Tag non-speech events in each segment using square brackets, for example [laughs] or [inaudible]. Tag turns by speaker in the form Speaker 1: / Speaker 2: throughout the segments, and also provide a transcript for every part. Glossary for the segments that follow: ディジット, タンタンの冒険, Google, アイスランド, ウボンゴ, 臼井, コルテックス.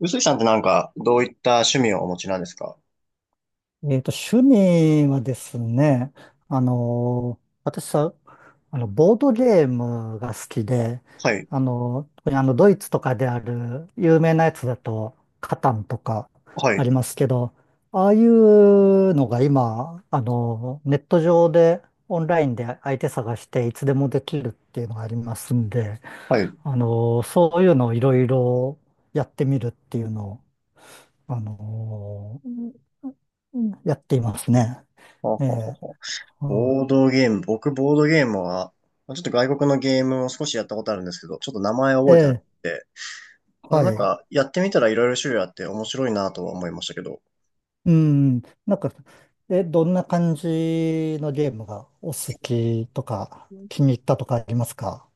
Speaker 1: 臼井さんってどういった趣味をお持ちなんですか？
Speaker 2: 趣味はですね、私さ、ボードゲームが好きで、
Speaker 1: はい、
Speaker 2: 特にドイツとかである有名なやつだと、カタンとか
Speaker 1: は
Speaker 2: あ
Speaker 1: い、
Speaker 2: りますけど、ああいうのが今、ネット上で、オンラインで相手探していつでもできるっていうのがありますんで、
Speaker 1: はい。
Speaker 2: そういうのをいろいろやってみるっていうのをあのうんやっていますね。
Speaker 1: ほう
Speaker 2: え
Speaker 1: ほうほう
Speaker 2: え、
Speaker 1: ほう。
Speaker 2: うん、
Speaker 1: ボードゲーム、僕ボードゲームはちょっと外国のゲームを少しやったことあるんですけど、ちょっと名前
Speaker 2: え
Speaker 1: 覚えてなく
Speaker 2: え、
Speaker 1: て、まあの
Speaker 2: は
Speaker 1: なん
Speaker 2: い。
Speaker 1: か、やってみたらいろいろ種類あって面白いなとは思いましたけど、
Speaker 2: うん、なんか、どんな感じのゲームがお好きとか、気に入ったとかありますか？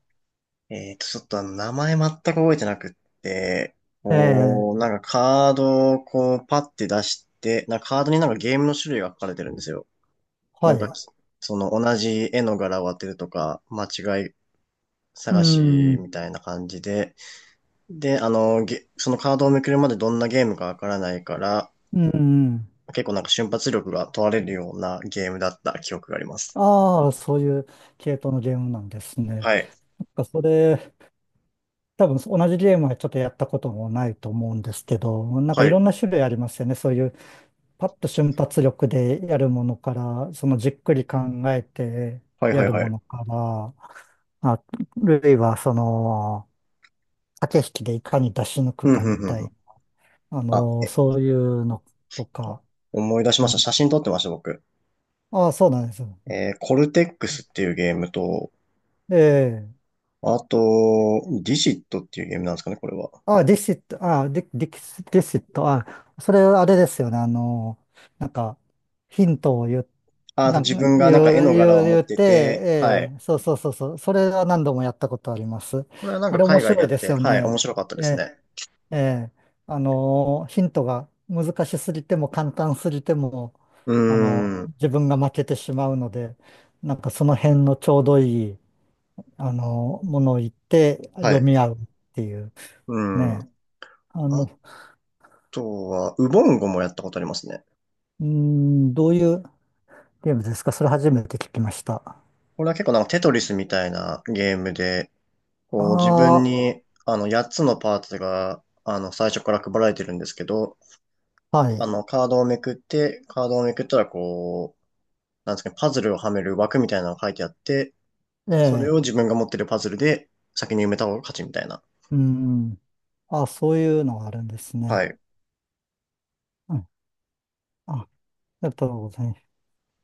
Speaker 1: えーと、ちょっとあの、名前全く覚えてなくって、
Speaker 2: ええ、
Speaker 1: こう、カードをこう、パッて出して、なんかカードになんかゲームの種類が書かれてるんですよ。な
Speaker 2: は
Speaker 1: んか、
Speaker 2: い。
Speaker 1: その同じ絵の柄を当てるとか、間違い
Speaker 2: う
Speaker 1: 探し
Speaker 2: ん、
Speaker 1: みたいな感じで、で、あの、ゲそのカードをめくるまでどんなゲームかわからないから、
Speaker 2: うん。
Speaker 1: 結構なんか瞬発力が問われるようなゲームだった記憶があります。
Speaker 2: ああ、そういう系統のゲームなんですね。
Speaker 1: はい。
Speaker 2: なんかそれ、多分同じゲームはちょっとやったこともないと思うんですけど、なんか
Speaker 1: は
Speaker 2: いろ
Speaker 1: い。
Speaker 2: んな種類ありますよね。そういうパッと瞬発力でやるものから、そのじっくり考えて
Speaker 1: はいは
Speaker 2: や
Speaker 1: い
Speaker 2: る
Speaker 1: は
Speaker 2: も
Speaker 1: い。
Speaker 2: のから、あ、るいはその、駆け引きでいかに出し抜く
Speaker 1: ふん
Speaker 2: か
Speaker 1: ふん
Speaker 2: み
Speaker 1: ふん
Speaker 2: た
Speaker 1: ふ
Speaker 2: い
Speaker 1: ん。
Speaker 2: な、
Speaker 1: あ、え、
Speaker 2: そういうのとか、
Speaker 1: 思い出し
Speaker 2: う
Speaker 1: ました。
Speaker 2: ん、
Speaker 1: 写真撮ってました、僕。
Speaker 2: ああ、そうなんですよ。
Speaker 1: えーコルテックスっていうゲームと、
Speaker 2: ええ、
Speaker 1: あと、ディジットっていうゲームなんですかね、これは。
Speaker 2: ああ、ディシット、ああ、ディスディシット、ああ、それあれですよね、なんか、ヒントを言う、
Speaker 1: あ、あと
Speaker 2: なん
Speaker 1: 自
Speaker 2: か、
Speaker 1: 分がなんか絵の柄を持
Speaker 2: 言
Speaker 1: っ
Speaker 2: っ
Speaker 1: て
Speaker 2: て、
Speaker 1: て、は
Speaker 2: え
Speaker 1: い。
Speaker 2: え、そうそうそうそう、それは何度もやったことあります。
Speaker 1: これはなん
Speaker 2: あ
Speaker 1: か
Speaker 2: れ面
Speaker 1: 海外で
Speaker 2: 白い
Speaker 1: やっ
Speaker 2: です
Speaker 1: て、
Speaker 2: よ
Speaker 1: はい、面
Speaker 2: ね。
Speaker 1: 白かったで
Speaker 2: え
Speaker 1: す
Speaker 2: え、
Speaker 1: ね。
Speaker 2: ええ、ヒントが難しすぎても簡単すぎても、
Speaker 1: うーん。
Speaker 2: 自分が負けてしまうので、なんかその辺のちょうどいい、ものを言って
Speaker 1: は
Speaker 2: 読
Speaker 1: い。
Speaker 2: み合うっていう、
Speaker 1: うん。
Speaker 2: ね。あの
Speaker 1: あとは、ウボンゴもやったことありますね。
Speaker 2: どういうゲームですか？それ初めて聞きました。
Speaker 1: これは結構なんかテトリスみたいなゲームで、こう自分
Speaker 2: あ
Speaker 1: にあの8つのパーツがあの最初から配られてるんですけど、
Speaker 2: あ、は
Speaker 1: あ
Speaker 2: い。
Speaker 1: のカードをめくって、カードをめくったらこう、なんですかね、パズルをはめる枠みたいなのが書いてあって、
Speaker 2: え
Speaker 1: それ
Speaker 2: え、
Speaker 1: を自分が持ってるパズルで先に埋めた方が勝ちみたいな。
Speaker 2: うん。あ、そういうのがあるんです
Speaker 1: は
Speaker 2: ね。
Speaker 1: い。
Speaker 2: うん。あ、ありがとうございます。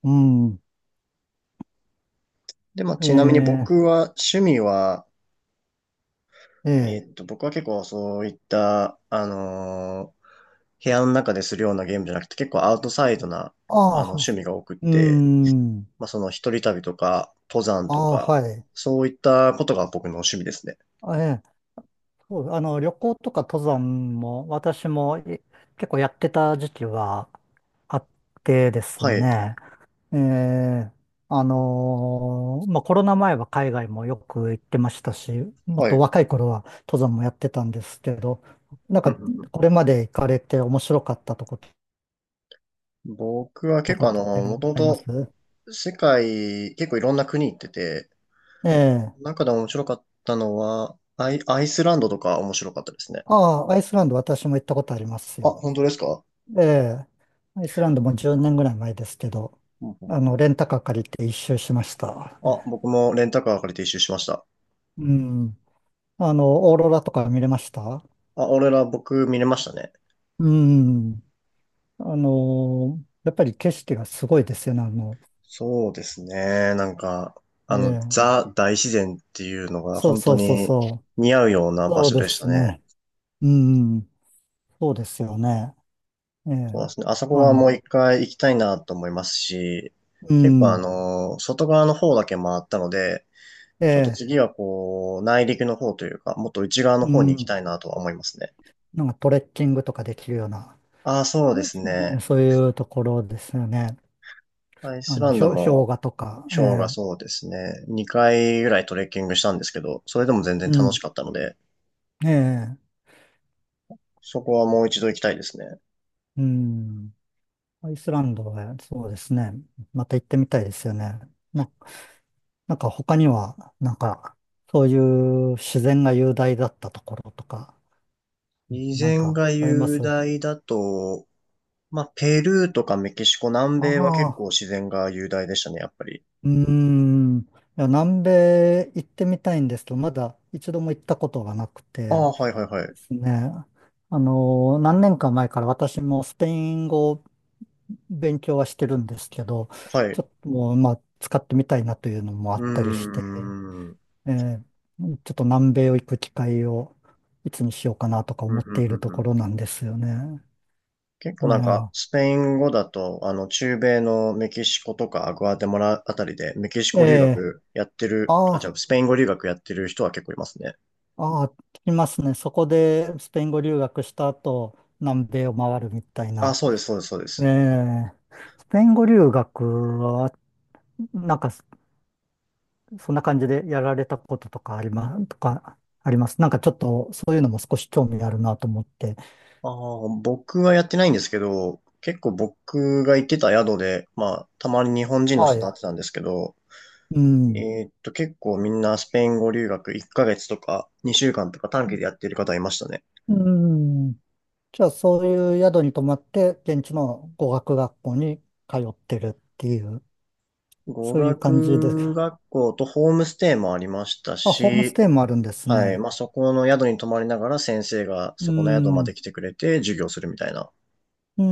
Speaker 2: うん。
Speaker 1: で、まあ
Speaker 2: え
Speaker 1: ちなみに
Speaker 2: え、
Speaker 1: 僕は趣味は、
Speaker 2: え
Speaker 1: え
Speaker 2: え。
Speaker 1: ーっと、僕は結構そういった、あのー部屋の中でするようなゲームじゃなくて、結構アウトサイドな、あ
Speaker 2: あ
Speaker 1: の、
Speaker 2: あ、
Speaker 1: 趣味が多くっ
Speaker 2: う
Speaker 1: て、
Speaker 2: ん。
Speaker 1: まあ、その一人旅とか、登山
Speaker 2: あ
Speaker 1: と
Speaker 2: あ、
Speaker 1: か、
Speaker 2: はい。
Speaker 1: そういったことが僕の趣味ですね。
Speaker 2: あ、ええ、そう、旅行とか登山も、私も結構やってた時期はあってです
Speaker 1: はい、
Speaker 2: ね。ええ、まあ、コロナ前は海外もよく行ってましたし、もっ
Speaker 1: は
Speaker 2: と
Speaker 1: い。
Speaker 2: 若い頃は登山もやってたんですけど、なん
Speaker 1: うんう
Speaker 2: か、
Speaker 1: んうん。
Speaker 2: これまで行かれて面白かったとこと、
Speaker 1: 僕は結構あ
Speaker 2: って
Speaker 1: の、もとも
Speaker 2: あります？
Speaker 1: と世界、結構いろんな国行ってて、
Speaker 2: ええ。
Speaker 1: 中で面白かったのは、アイスランドとか面白かったですね。
Speaker 2: ああ、アイスランド私も行ったことあります
Speaker 1: あ、
Speaker 2: よ。
Speaker 1: 本当ですか？
Speaker 2: ええ。アイスランドも10年ぐらい前ですけど、
Speaker 1: うんうん。
Speaker 2: レンタカー借りて一周しました。
Speaker 1: あ、僕もレンタカー借りて一周しました。
Speaker 2: うん。オーロラとか見れました？
Speaker 1: あ、僕見れましたね。
Speaker 2: うん。やっぱり景色がすごいですよね、
Speaker 1: そうですね。なんか、
Speaker 2: え
Speaker 1: あの、
Speaker 2: え、
Speaker 1: ザ大自然っていうのが
Speaker 2: そう
Speaker 1: 本当
Speaker 2: そうそう
Speaker 1: に
Speaker 2: そ
Speaker 1: 似合うような
Speaker 2: う、
Speaker 1: 場
Speaker 2: そう
Speaker 1: 所
Speaker 2: で
Speaker 1: でした
Speaker 2: す
Speaker 1: ね。
Speaker 2: ね。うん、そうですよね。え
Speaker 1: そうで
Speaker 2: え、
Speaker 1: すね。あそこ
Speaker 2: あ
Speaker 1: はも
Speaker 2: の、
Speaker 1: う一回行きたいなと思いますし、
Speaker 2: う
Speaker 1: 結構あ
Speaker 2: ん、
Speaker 1: の、外側の方だけ回ったので、
Speaker 2: え
Speaker 1: ちょっと
Speaker 2: え、
Speaker 1: 次はこう、内陸の方というか、もっと内側の
Speaker 2: う
Speaker 1: 方に行き
Speaker 2: ん、
Speaker 1: たいなとは思いますね。
Speaker 2: なんかトレッキングとかできるような、
Speaker 1: ああ、そうです
Speaker 2: うん、
Speaker 1: ね。
Speaker 2: そういうところですよね。
Speaker 1: アイスランド
Speaker 2: 氷
Speaker 1: も、
Speaker 2: 河とか、え
Speaker 1: ショーが
Speaker 2: え、
Speaker 1: そうですね。2回ぐらいトレッキングしたんですけど、それでも全然
Speaker 2: う
Speaker 1: 楽し
Speaker 2: ん、
Speaker 1: かったので、
Speaker 2: ええ、
Speaker 1: そこはもう一度行きたいですね。
Speaker 2: うん、アイスランドはそうですね。また行ってみたいですよね。ななんか他には、なんか、そういう自然が雄大だったところとか、
Speaker 1: 以
Speaker 2: なん
Speaker 1: 前
Speaker 2: か
Speaker 1: が
Speaker 2: ありま
Speaker 1: 雄
Speaker 2: す？あ
Speaker 1: 大だと、まあ、ペルーとかメキシコ、南米は結
Speaker 2: あ、
Speaker 1: 構自然が雄大でしたね、やっぱり。
Speaker 2: うーん。いや、南米行ってみたいんですけど、まだ一度も行ったことがなく
Speaker 1: あ
Speaker 2: て
Speaker 1: あ、はいはいはい。
Speaker 2: ですね。何年か前から私もスペイン語を勉強はしてるんですけど、
Speaker 1: はい。
Speaker 2: ち
Speaker 1: う
Speaker 2: ょっともう、まあ、使ってみたいなというのもあったりし
Speaker 1: ー
Speaker 2: て。
Speaker 1: ん。
Speaker 2: えーちょっと南米を行く機会をいつにしようかなとか
Speaker 1: ふ
Speaker 2: 思
Speaker 1: ん
Speaker 2: っ
Speaker 1: ふ
Speaker 2: て
Speaker 1: ん
Speaker 2: い
Speaker 1: ふ
Speaker 2: る
Speaker 1: ん
Speaker 2: と
Speaker 1: ふ
Speaker 2: こ
Speaker 1: ん。
Speaker 2: ろなんですよね。
Speaker 1: 結
Speaker 2: え
Speaker 1: 構なんか、
Speaker 2: ー、
Speaker 1: スペイン語だと、あの、中米のメキシコとかグアテマラあたりで、メキシコ留
Speaker 2: えー、
Speaker 1: 学やってる、あ、
Speaker 2: あ
Speaker 1: じゃ
Speaker 2: ー、
Speaker 1: あ、スペイン語留学やってる人は結構いますね。
Speaker 2: あー、聞きますね。そこでスペイン語留学した後、南米を回るみたい
Speaker 1: あ、
Speaker 2: な。
Speaker 1: そうです、そうです、そうで
Speaker 2: え
Speaker 1: す。
Speaker 2: え、スペイン語留学は、なんかそんな感じでやられたこととかあります。なんかちょっとそういうのも少し興味あるなと思って。
Speaker 1: ああ、僕はやってないんですけど、結構僕が行ってた宿で、まあ、たまに日本人の
Speaker 2: は
Speaker 1: 人と会っ
Speaker 2: い。
Speaker 1: てたんですけど、
Speaker 2: うん。
Speaker 1: えーっと、結構みんなスペイン語留学1ヶ月とか2週間とか短期でやってる方いましたね。
Speaker 2: うん。じゃあ、そういう宿に泊まって、現地の語学学校に通ってるっていう、
Speaker 1: 語
Speaker 2: そういう感じで
Speaker 1: 学
Speaker 2: す。
Speaker 1: 学校とホームステイもありました
Speaker 2: あ、ホームス
Speaker 1: し、
Speaker 2: テイもあるんです
Speaker 1: はい、
Speaker 2: ね。
Speaker 1: まあそこの宿に泊まりながら先生が
Speaker 2: うー
Speaker 1: そこの宿まで
Speaker 2: ん、
Speaker 1: 来てくれて授業するみたいな
Speaker 2: うー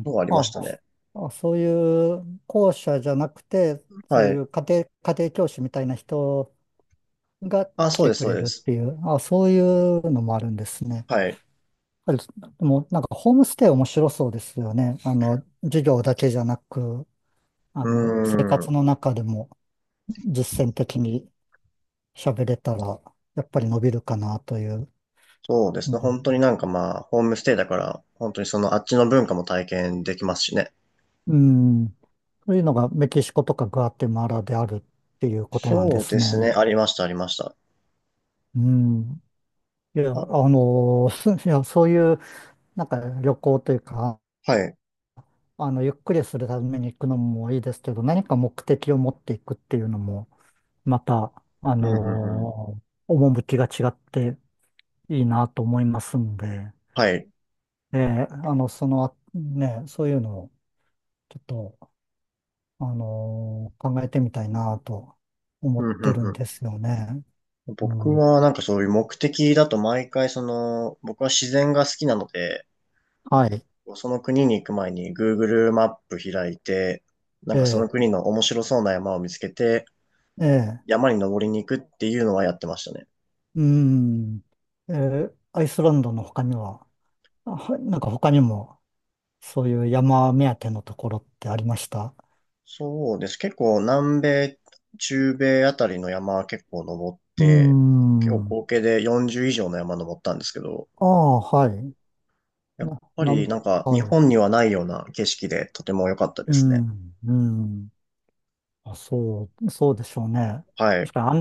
Speaker 2: ん。
Speaker 1: のがありまし
Speaker 2: あ、
Speaker 1: たね。
Speaker 2: あ、そういう校舎じゃなくて、そう
Speaker 1: は
Speaker 2: い
Speaker 1: い。
Speaker 2: う家庭教師みたいな人が
Speaker 1: あ、
Speaker 2: 来
Speaker 1: そう
Speaker 2: て
Speaker 1: です、
Speaker 2: く
Speaker 1: そう
Speaker 2: れ
Speaker 1: で
Speaker 2: るっ
Speaker 1: す。
Speaker 2: ていう、あ、そういうのもあるんですね。
Speaker 1: はい。
Speaker 2: やっぱりでもなんかホームステイ面白そうですよね。授業だけじゃなく、
Speaker 1: う
Speaker 2: 生
Speaker 1: ー
Speaker 2: 活
Speaker 1: ん。
Speaker 2: の中でも実践的に喋れたら、やっぱり伸びるかなという。
Speaker 1: そうです
Speaker 2: う
Speaker 1: ね。
Speaker 2: ん。
Speaker 1: 本当になんかまあ、ホームステイだから、本当にそのあっちの文化も体験できますしね。
Speaker 2: うん。そういうのがメキシコとかグアテマラであるっていうことなんで
Speaker 1: そう
Speaker 2: す
Speaker 1: です
Speaker 2: ね。
Speaker 1: ね。ありました、ありました。
Speaker 2: うん。いや、
Speaker 1: あ、
Speaker 2: [laughs] いや、そういう、なんか旅行というか、
Speaker 1: はい。
Speaker 2: ゆっくりするために行くのもいいですけど、何か目的を持っていくっていうのも、また、あ
Speaker 1: うん、うん、うん。
Speaker 2: の、趣が違っていいなと思いますんで、
Speaker 1: はい。
Speaker 2: ね、そういうのを、ちょっと、考えてみたいなと思
Speaker 1: う
Speaker 2: っ
Speaker 1: ん、
Speaker 2: てる
Speaker 1: う
Speaker 2: ん
Speaker 1: ん、
Speaker 2: ですよね。
Speaker 1: うん。
Speaker 2: う
Speaker 1: 僕
Speaker 2: ん。
Speaker 1: はなんかそういう目的だと毎回その、僕は自然が好きなので、
Speaker 2: はい。
Speaker 1: その国に行く前に Google マップ開いて、なん
Speaker 2: え
Speaker 1: かその
Speaker 2: え、
Speaker 1: 国の面白そうな山を見つけて、
Speaker 2: ええ、
Speaker 1: 山に登りに行くっていうのはやってましたね。
Speaker 2: うん。ええ、アイスランドの他には、なんか他にも、そういう山目当てのところってありました？
Speaker 1: そうです。結構南米、中米あたりの山は結構登っ
Speaker 2: うー
Speaker 1: て、結構
Speaker 2: ん。
Speaker 1: 合計で40以上の山登ったんですけど、
Speaker 2: ああ、はい。
Speaker 1: やっ
Speaker 2: な、
Speaker 1: ぱ
Speaker 2: な
Speaker 1: り
Speaker 2: ん、
Speaker 1: なんか
Speaker 2: は
Speaker 1: 日
Speaker 2: い。
Speaker 1: 本にはないような景色でとても良かったで
Speaker 2: う
Speaker 1: すね。
Speaker 2: ん、うん。あ、そう、そうでしょうね。
Speaker 1: はい。
Speaker 2: 確か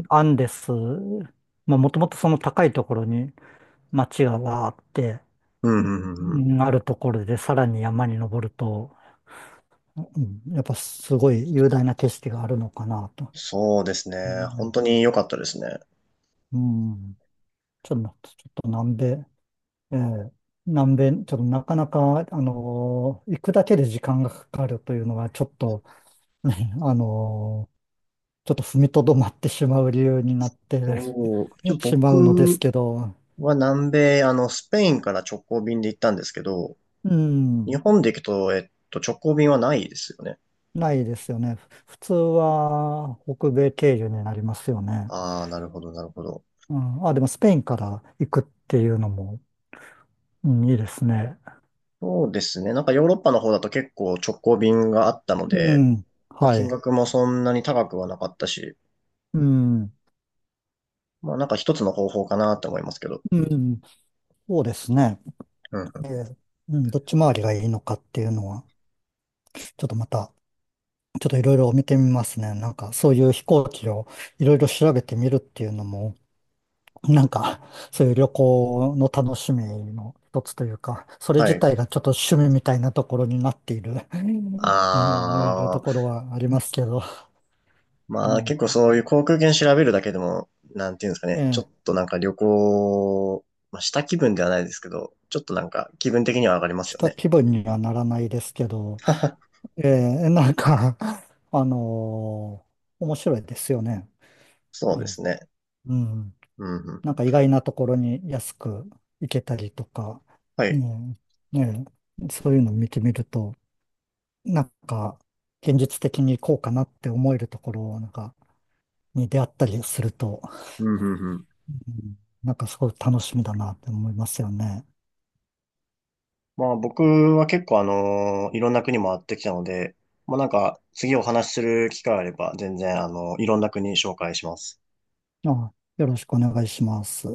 Speaker 1: うん、うん、う
Speaker 2: う
Speaker 1: んうん。
Speaker 2: あるところでさらに山に登ると、うん、やっぱすごい雄大な景色があるのかなと。
Speaker 1: そうです
Speaker 2: う
Speaker 1: ね。本
Speaker 2: ん、
Speaker 1: 当に良かったですね。
Speaker 2: うん、ちょっと南米、ええ、南米、ちょっとなかなか、行くだけで時間がかかるというのが、ちょっと、[laughs] ねちょっと踏みとどまってしまう理由になって
Speaker 1: おーちょ
Speaker 2: [laughs] しまうのです
Speaker 1: 僕
Speaker 2: けど、
Speaker 1: は南米、あの、スペインから直行便で行ったんですけど、
Speaker 2: う
Speaker 1: 日
Speaker 2: ん、
Speaker 1: 本で行くと、えっと、直行便はないですよね。
Speaker 2: ないですよね。普通は北米経由になりますよね。
Speaker 1: ああ、なるほど、なるほど。
Speaker 2: うん、あ、でもスペインから行くっていうのも、うん、いいですね。
Speaker 1: そうですね。なんかヨーロッパの方だと結構直行便があったの
Speaker 2: う
Speaker 1: で、
Speaker 2: ん。
Speaker 1: まあ、
Speaker 2: は
Speaker 1: 金
Speaker 2: い。
Speaker 1: 額もそんなに高くはなかったし、
Speaker 2: うん。
Speaker 1: まあなんか一つの方法かなって思いますけど。
Speaker 2: うん。そうですね。
Speaker 1: うんうん。
Speaker 2: えーうん、どっち回りがいいのかっていうのは、ちょっとまた、ちょっといろいろ見てみますね。なんか、そういう飛行機をいろいろ調べてみるっていうのも、[laughs] なんか、そういう旅行の楽しみの一つというか、それ
Speaker 1: は
Speaker 2: 自
Speaker 1: い。
Speaker 2: 体がちょっと趣味みたいなところになっている、[laughs] うん、いうと
Speaker 1: あー、
Speaker 2: ころはありますけど、
Speaker 1: まあ結構
Speaker 2: ね。
Speaker 1: そういう航空券調べるだけでも、なんていうんですかね。ちょ
Speaker 2: え
Speaker 1: っ
Speaker 2: え、
Speaker 1: となんか旅行、まあ、した気分ではないですけど、ちょっとなんか気分的には上がります
Speaker 2: し
Speaker 1: よ
Speaker 2: た
Speaker 1: ね。
Speaker 2: 気分にはならないですけど、
Speaker 1: [laughs]
Speaker 2: ええ、なんか、[laughs] あの面白いですよね。
Speaker 1: そう
Speaker 2: う
Speaker 1: です
Speaker 2: ん。
Speaker 1: ね。
Speaker 2: うん、
Speaker 1: うんうんう
Speaker 2: な
Speaker 1: ん。
Speaker 2: んか意外なところに安く行けたりとか、
Speaker 1: は
Speaker 2: う
Speaker 1: い。
Speaker 2: ん、ねえ、そういうのを見てみると、なんか、現実的にこうかなって思えるところなんかに出会ったりすると、
Speaker 1: うんうんうん。
Speaker 2: うん、なんかすごい楽しみだなって思いますよね。
Speaker 1: まあ僕は結構あの、いろんな国回ってきたので、まあなんか次お話しする機会あれば全然あの、いろんな国紹介します。
Speaker 2: あ、よろしくお願いします。